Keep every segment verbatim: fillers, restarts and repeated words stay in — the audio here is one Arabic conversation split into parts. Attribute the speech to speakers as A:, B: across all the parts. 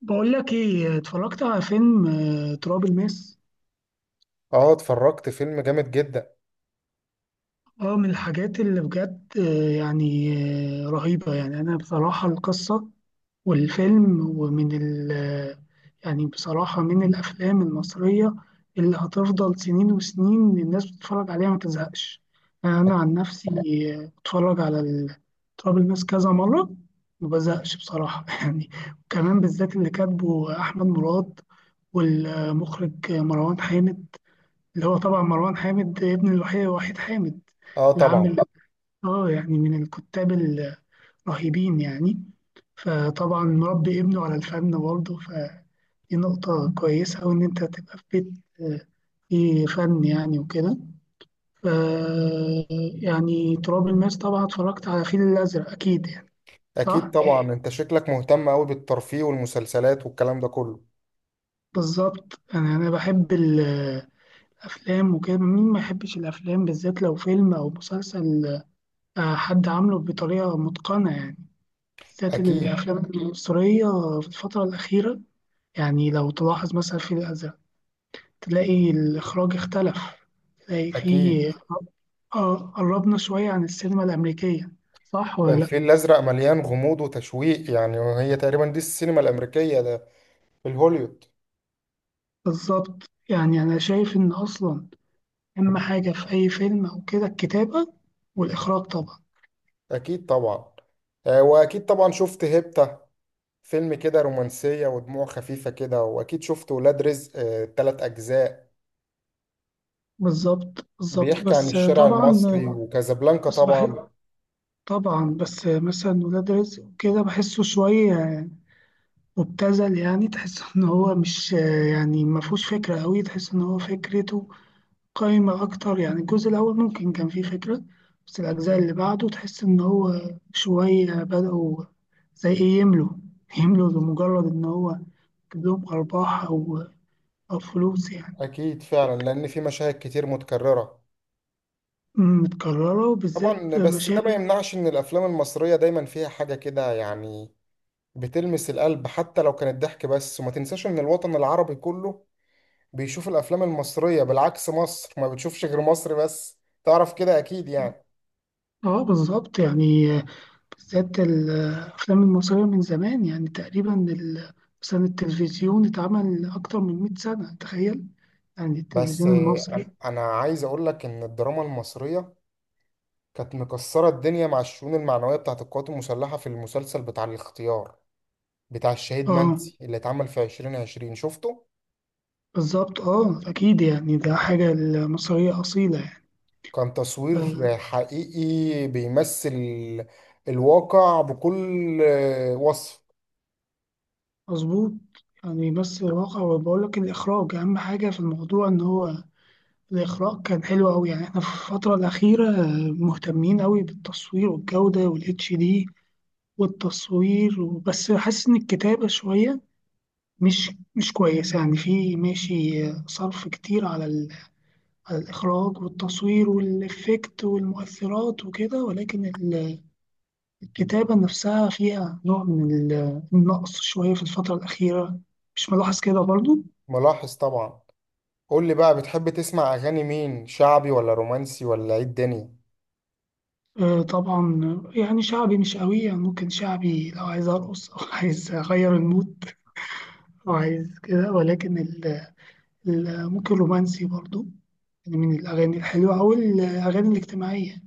A: بقول لك ايه، اتفرجت على فيلم آه، تراب الماس.
B: اه. اتفرجت فيلم جامد جدا.
A: اه، من الحاجات اللي بجد، آه، يعني آه، رهيبة يعني. انا بصراحة القصة والفيلم ومن ال آه، يعني بصراحة من الافلام المصرية اللي هتفضل سنين وسنين الناس بتتفرج عليها ما تزهقش. انا عن نفسي آه، بتفرج على ال- تراب الماس كذا مرة ما بزهقش بصراحة يعني. وكمان بالذات اللي كاتبه احمد مراد والمخرج مروان حامد، اللي هو طبعا مروان حامد ابن الوحيد وحيد حامد،
B: اه
A: اللي
B: طبعا.
A: عامل اه يعني من الكتاب الرهيبين يعني. فطبعا مربي ابنه على الفن برضه، فدي نقطة كويسة، وإن أنت تبقى في بيت آه، فيه فن يعني وكده. ف يعني تراب الماس طبعا اتفرجت على الفيل الأزرق أكيد يعني.
B: اكيد
A: صح؟
B: طبعا، انت شكلك مهتم قوي بالترفيه والمسلسلات والكلام ده كله.
A: بالظبط، أنا أنا بحب الأفلام وكده. مين ما يحبش الأفلام، بالذات لو فيلم أو مسلسل آه، حد عامله بطريقة متقنة يعني، بالذات
B: اكيد.
A: الأفلام المصرية في الفترة الأخيرة. يعني لو تلاحظ مثلا في الأزرق، تلاقي الإخراج اختلف، تلاقي
B: اكيد.
A: فيه آه قربنا شوية عن السينما الأمريكية. صح ولا لأ؟
B: الفيل الازرق مليان غموض وتشويق يعني، وهي تقريبا دي السينما الامريكيه ده، في الهوليود.
A: بالظبط يعني، أنا شايف إن أصلا أهم حاجة في أي فيلم أو كده الكتابة والإخراج طبعا.
B: اكيد طبعا. آه، واكيد طبعا شفت هيبتا، فيلم كده رومانسيه ودموع خفيفه كده. واكيد شفت ولاد رزق، آه تلات اجزاء
A: بالظبط بالظبط،
B: بيحكي عن
A: بس
B: الشارع
A: طبعا،
B: المصري، وكازابلانكا
A: بس بحس.
B: طبعا.
A: طبعا بس مثلا ولاد رزق وكده بحسه شوية مبتذل، يعني تحس ان هو مش يعني ما فيهوش فكره قوي، تحس ان هو فكرته قايمه اكتر. يعني الجزء الاول ممكن كان فيه فكره، بس الاجزاء اللي بعده تحس ان هو شويه بداوا، زي ايه، يملوا يملوا لمجرد ان هو يجيب لهم ارباح او او فلوس يعني.
B: اكيد فعلا، لان في مشاهد كتير متكرره.
A: متكرره، وبالذات
B: طبعا بس ده ما
A: مشاهد.
B: يمنعش ان الافلام المصريه دايما فيها حاجه كده يعني، بتلمس القلب حتى لو كانت ضحك بس. وما تنساش ان الوطن العربي كله بيشوف الافلام المصريه، بالعكس مصر ما بتشوفش غير مصر بس، تعرف كده اكيد يعني.
A: اه بالظبط يعني، بالذات الأفلام المصرية من زمان يعني تقريبا ال- مثلا التلفزيون اتعمل أكتر من 100 سنة تخيل، يعني
B: بس
A: التلفزيون
B: آه، انا
A: المصري.
B: أنا عايز اقول لك ان الدراما المصريه كانت مكسره الدنيا مع الشؤون المعنويه بتاعت القوات المسلحه في المسلسل بتاع الاختيار، بتاع الشهيد
A: اه
B: منسي اللي اتعمل في ألفين وعشرين، شفته؟
A: بالظبط، اه أكيد يعني ده حاجة المصرية أصيلة يعني
B: كان تصوير
A: آه،
B: حقيقي بيمثل الواقع بكل وصف.
A: مظبوط. يعني بس الواقع، وبقول لك الإخراج أهم حاجة في الموضوع، إن هو الإخراج كان حلو أوي. يعني إحنا في الفترة الأخيرة آه، مهتمين أوي بالتصوير والجودة والاتش دي والتصوير، وبس حاسس إن الكتابة شوية مش مش كويسة يعني. في ماشي صرف كتير على, ال... على الإخراج والتصوير والإفكت والمؤثرات وكده، ولكن ال- الكتابة نفسها فيها نوع من ال- النقص شوية في الفترة الأخيرة. مش ملاحظ كده برضو؟
B: ملاحظ طبعا. قول لي بقى، بتحب تسمع اغاني مين؟ شعبي ولا رومانسي ولا ايه الدنيا؟
A: آه، طبعا. يعني شعبي مش قوي يعني، ممكن شعبي لو عايز أرقص أو عايز أغير المود أو عايز كده، ولكن ال... ال- ممكن رومانسي برضو يعني. من الأغاني الحلوة أو الأغاني الاجتماعية،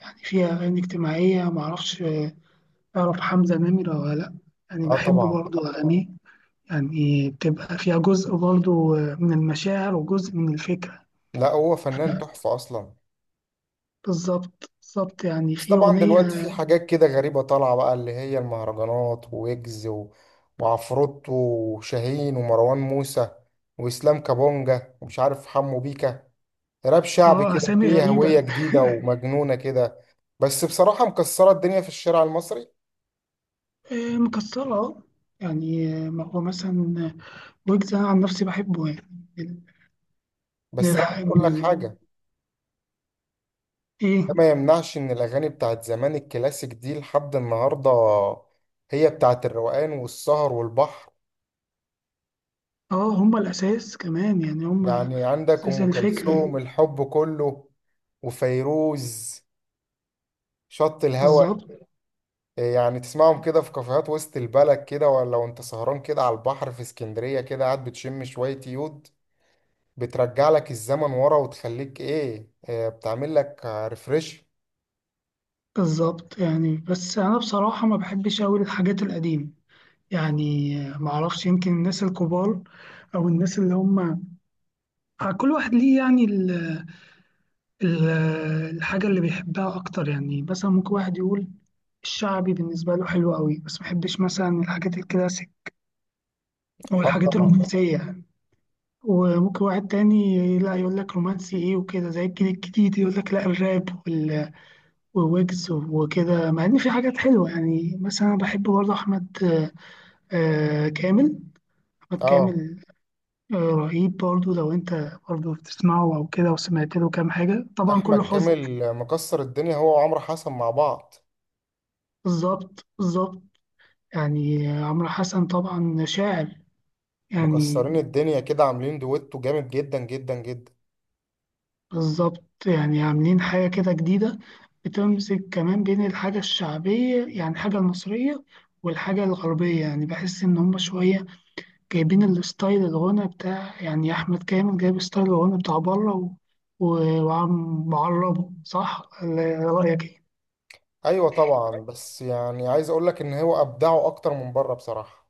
A: يعني فيها أغاني اجتماعية معرفش. تعرف حمزة نمرة ولا لأ؟ يعني
B: اه
A: بحب
B: طبعا.
A: برضو أغانيه، يعني بتبقى فيها جزء برضو من المشاعر وجزء من الفكرة.
B: لا، هو فنان تحفة اصلا.
A: بالظبط بالظبط يعني،
B: بس
A: في
B: طبعا
A: أغنية.
B: دلوقتي في حاجات كده غريبة طالعة بقى، اللي هي المهرجانات، وويجز و- وعفروتو وشاهين ومروان موسى واسلام كابونجا ومش عارف حمو بيكا. راب شعبي
A: اه
B: كده
A: أسامي
B: فيه
A: غريبة
B: هوية جديدة ومجنونة كده. بس بصراحة مكسرة الدنيا في الشارع المصري.
A: آه، مكسرة اه. يعني آه، ما هو مثلا ويجز، أنا عن نفسي بحبه يعني، من من
B: بس أنا عايز
A: الح...
B: أقول
A: من
B: لك
A: ال...
B: حاجة.
A: إيه.
B: ده ما يمنعش إن الأغاني بتاعت زمان الكلاسيك دي لحد النهاردة هي بتاعت الروقان والسهر والبحر.
A: اه هما الأساس كمان يعني، هما
B: يعني عندك
A: أساس
B: أم
A: الفكرة.
B: كلثوم الحب كله، وفيروز شط الهوى.
A: بالظبط
B: يعني تسمعهم كده في كافيهات وسط البلد كده، ولا وانت سهران كده على البحر في اسكندرية، كده قاعد بتشم شوية يود، بترجع لك الزمن ورا وتخليك ايه، آه، بتعمل لك ريفريش.
A: بالظبط يعني. بس أنا بصراحة ما بحبش أوي الحاجات القديمة، يعني معرفش. يمكن الناس الكبار او الناس اللي هم آه، كل واحد ليه يعني ال- ال- الحاجه اللي بيحبها اكتر. يعني مثلا ممكن واحد يقول الشعبي بالنسبه له حلو قوي، بس ما بيحبش مثلا الحاجات الكلاسيك او
B: اه
A: الحاجات
B: طبعا.
A: الرومانسيه يعني. وممكن واحد تاني لا، يقول لك رومانسي ايه وكده، زي الجيل الجديد يقول لك لا، الراب وال- وويجز وكده، مع ان في حاجات حلوه يعني. مثلا انا بحب برضه احمد آه، كامل، احمد
B: اه،
A: كامل آه، رهيب برضو. لو انت برضو بتسمعه او كده وسمعت له كام حاجه، طبعا كله
B: احمد
A: حزن.
B: كامل مكسر الدنيا هو وعمرو حسن مع بعض.
A: بالظبط بالظبط يعني، عمرو حسن طبعا شاعر يعني.
B: مكسرين الدنيا كده، عاملين دويتو جامد جدا جدا جدا.
A: بالظبط يعني عاملين حاجه كده جديده، بتمسك كمان بين الحاجه الشعبيه يعني الحاجه المصريه والحاجه الغربيه، يعني بحس ان هم شويه جايبين الستايل الغنى بتاع يعني، احمد كامل جايب ستايل الغنى بتاع بره و... و- وعم معربه، صح ولا رايك ايه؟
B: ايوه طبعا، بس يعني عايز اقول لك ان هو ابدعه اكتر من بره بصراحة.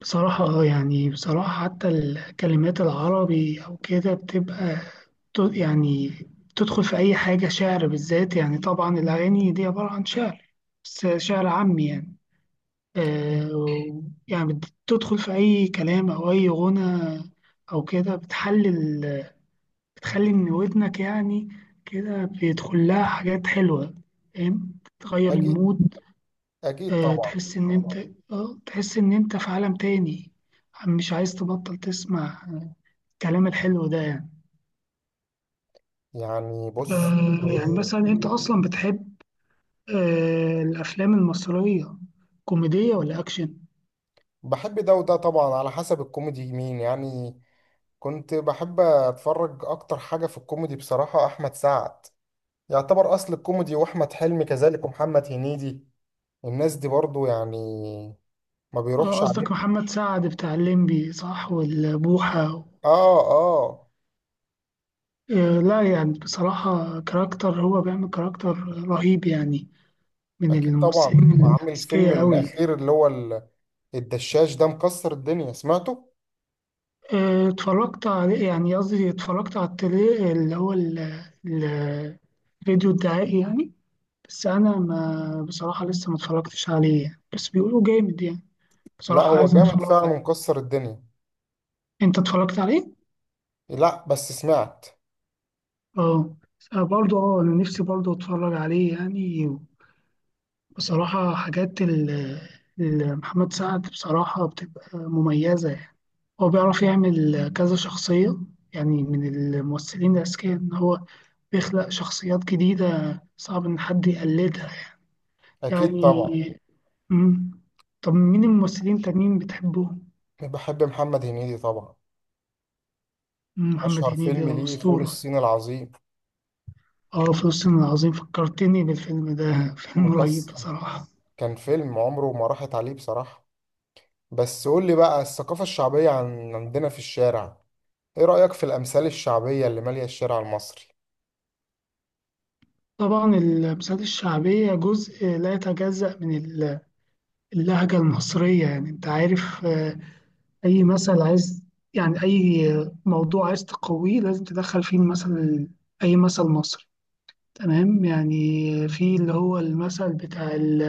A: بصراحة اه يعني، بصراحة حتى الكلمات العربي أو كده بتبقى ت- يعني تدخل في أي حاجة شعر، بالذات يعني. طبعا الأغاني دي عبارة عن شعر، بس شعر عامي يعني آه و- يعني بتدخل في أي كلام أو أي غنى أو كده، بتحلل، بتخلي إن ودنك يعني كده بيدخل لها حاجات حلوة، فاهم، تغير
B: اكيد.
A: المود.
B: اكيد
A: آه،
B: طبعا.
A: تحس إن أنت آه تحس إن أنت في عالم تاني، مش عايز تبطل تسمع الكلام الحلو ده يعني.
B: يعني بص
A: آه، يعني
B: آه،
A: مثلا أنت أصلا بتحب آه، الأفلام المصرية، كوميدية ولا أكشن؟
B: بحب ده وده طبعا، على حسب الكوميدي مين يعني. كنت بحب اتفرج اكتر حاجة في الكوميدي بصراحة احمد سعد، يعتبر اصل الكوميدي، واحمد حلمي كذلك، ومحمد هنيدي. الناس دي برضو يعني ما
A: آه،
B: بيروحش عليهم.
A: قصدك محمد سعد بتاع الليمبي، صح، والبوحة و...
B: اه. اه.
A: آه، لا يعني بصراحة كاركتر، هو بيعمل كاركتر رهيب يعني، من
B: اكيد طبعا،
A: الممثلين
B: عامل الفيلم
A: الأذكياء أوي.
B: الاخير، اللي هو ال- الدشاش ده، مكسر الدنيا، سمعته.
A: آه، اتفرجت عليه، يعني قصدي اتفرجت على التري اللي هو ال- ال- الفيديو الدعائي يعني. بس أنا ما بصراحة لسه ما اتفرجتش عليه يعني. بس بيقولوا جامد يعني،
B: لا،
A: بصراحة
B: هو
A: عايز
B: جامد
A: أتفرج
B: فعلا،
A: عليه.
B: مكسر الدنيا.
A: أنت اتفرجت عليه؟
B: لا، بس سمعت.
A: اه. برضه اه، أنا نفسي برضه أتفرج عليه يعني، بصراحة. حاجات ال- ال- محمد سعد بصراحة بتبقى مميزة يعني، هو بيعرف يعمل كذا شخصية، يعني من الممثلين الأذكياء إن هو بيخلق شخصيات جديدة صعب إن حد يقلدها
B: اكيد طبعا.
A: يعني. مم. طب مين الممثلين التانيين بتحبوهم؟
B: بحب محمد هنيدي طبعا.
A: مم، محمد
B: اشهر
A: هنيدي
B: فيلم
A: ده
B: ليه فول
A: أسطورة.
B: الصين العظيم.
A: اه فلسطين العظيم فكرتني بالفيلم ده فيلم رهيب
B: مكسر.
A: بصراحة.
B: كان فيلم عمره ما راحت عليه بصراحة. بس قول لي بقى، الثقافة الشعبية عن عندنا في الشارع، ايه رأيك في الأمثال الشعبية اللي مالية الشارع المصري؟
A: طبعا المسرحيات الشعبية جزء لا يتجزأ من ال- اللهجة المصرية، يعني انت عارف. آه، أي مثل عايز، يعني أي موضوع عايز تقويه لازم تدخل فيه مثل، أي مثل مصري تمام. يعني في اللي هو المثل بتاع ال-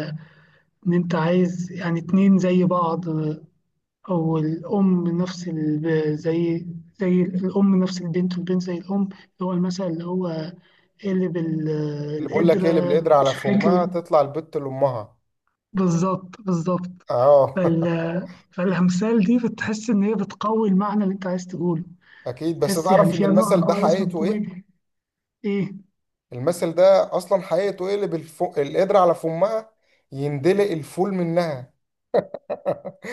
A: ان انت عايز يعني اتنين زي بعض، او الام نفس ال... زي، زي الام نفس البنت والبنت زي الام، اللي هو المثل اللي هو قلب ال-
B: اللي بقول لك ايه، اللي
A: القدرة
B: بالقدر على
A: مش فاكر.
B: فمها تطلع البت لأمها.
A: بالظبط بالظبط.
B: اه.
A: فال... فالامثال دي بتحس ان هي بتقوي المعنى اللي انت عايز تقوله،
B: اكيد، بس
A: تحس يعني
B: تعرف ان
A: فيها نوع
B: المثل ده
A: كويس من
B: حقيقته ايه؟
A: الكوميديا. ايه،
B: المثل ده اصلا حقيقته ايه؟ اللي بالف... القدر على فمها، يندلق الفول منها.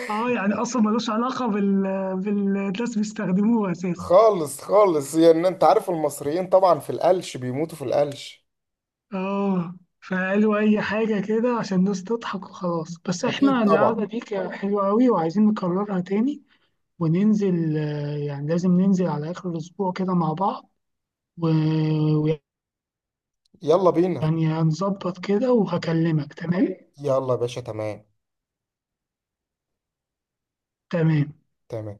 A: اه يعني اصلا ملوش علاقة بال... بالناس بيستخدموها اساسا.
B: خالص خالص. يعني انت عارف المصريين طبعا في القلش، بيموتوا في القلش.
A: اه فقالوا اي حاجة كده عشان الناس تضحك وخلاص. بس
B: اكيد
A: احنا
B: طبعا.
A: القعدة دي كانت حلوة قوي، وعايزين نكررها تاني وننزل آه، يعني لازم ننزل على اخر الاسبوع كده مع بعض و-
B: يلا بينا.
A: ويعني هنظبط كده وهكلمك تمام.
B: يلا يا باشا، تمام.
A: تمام.
B: تمام.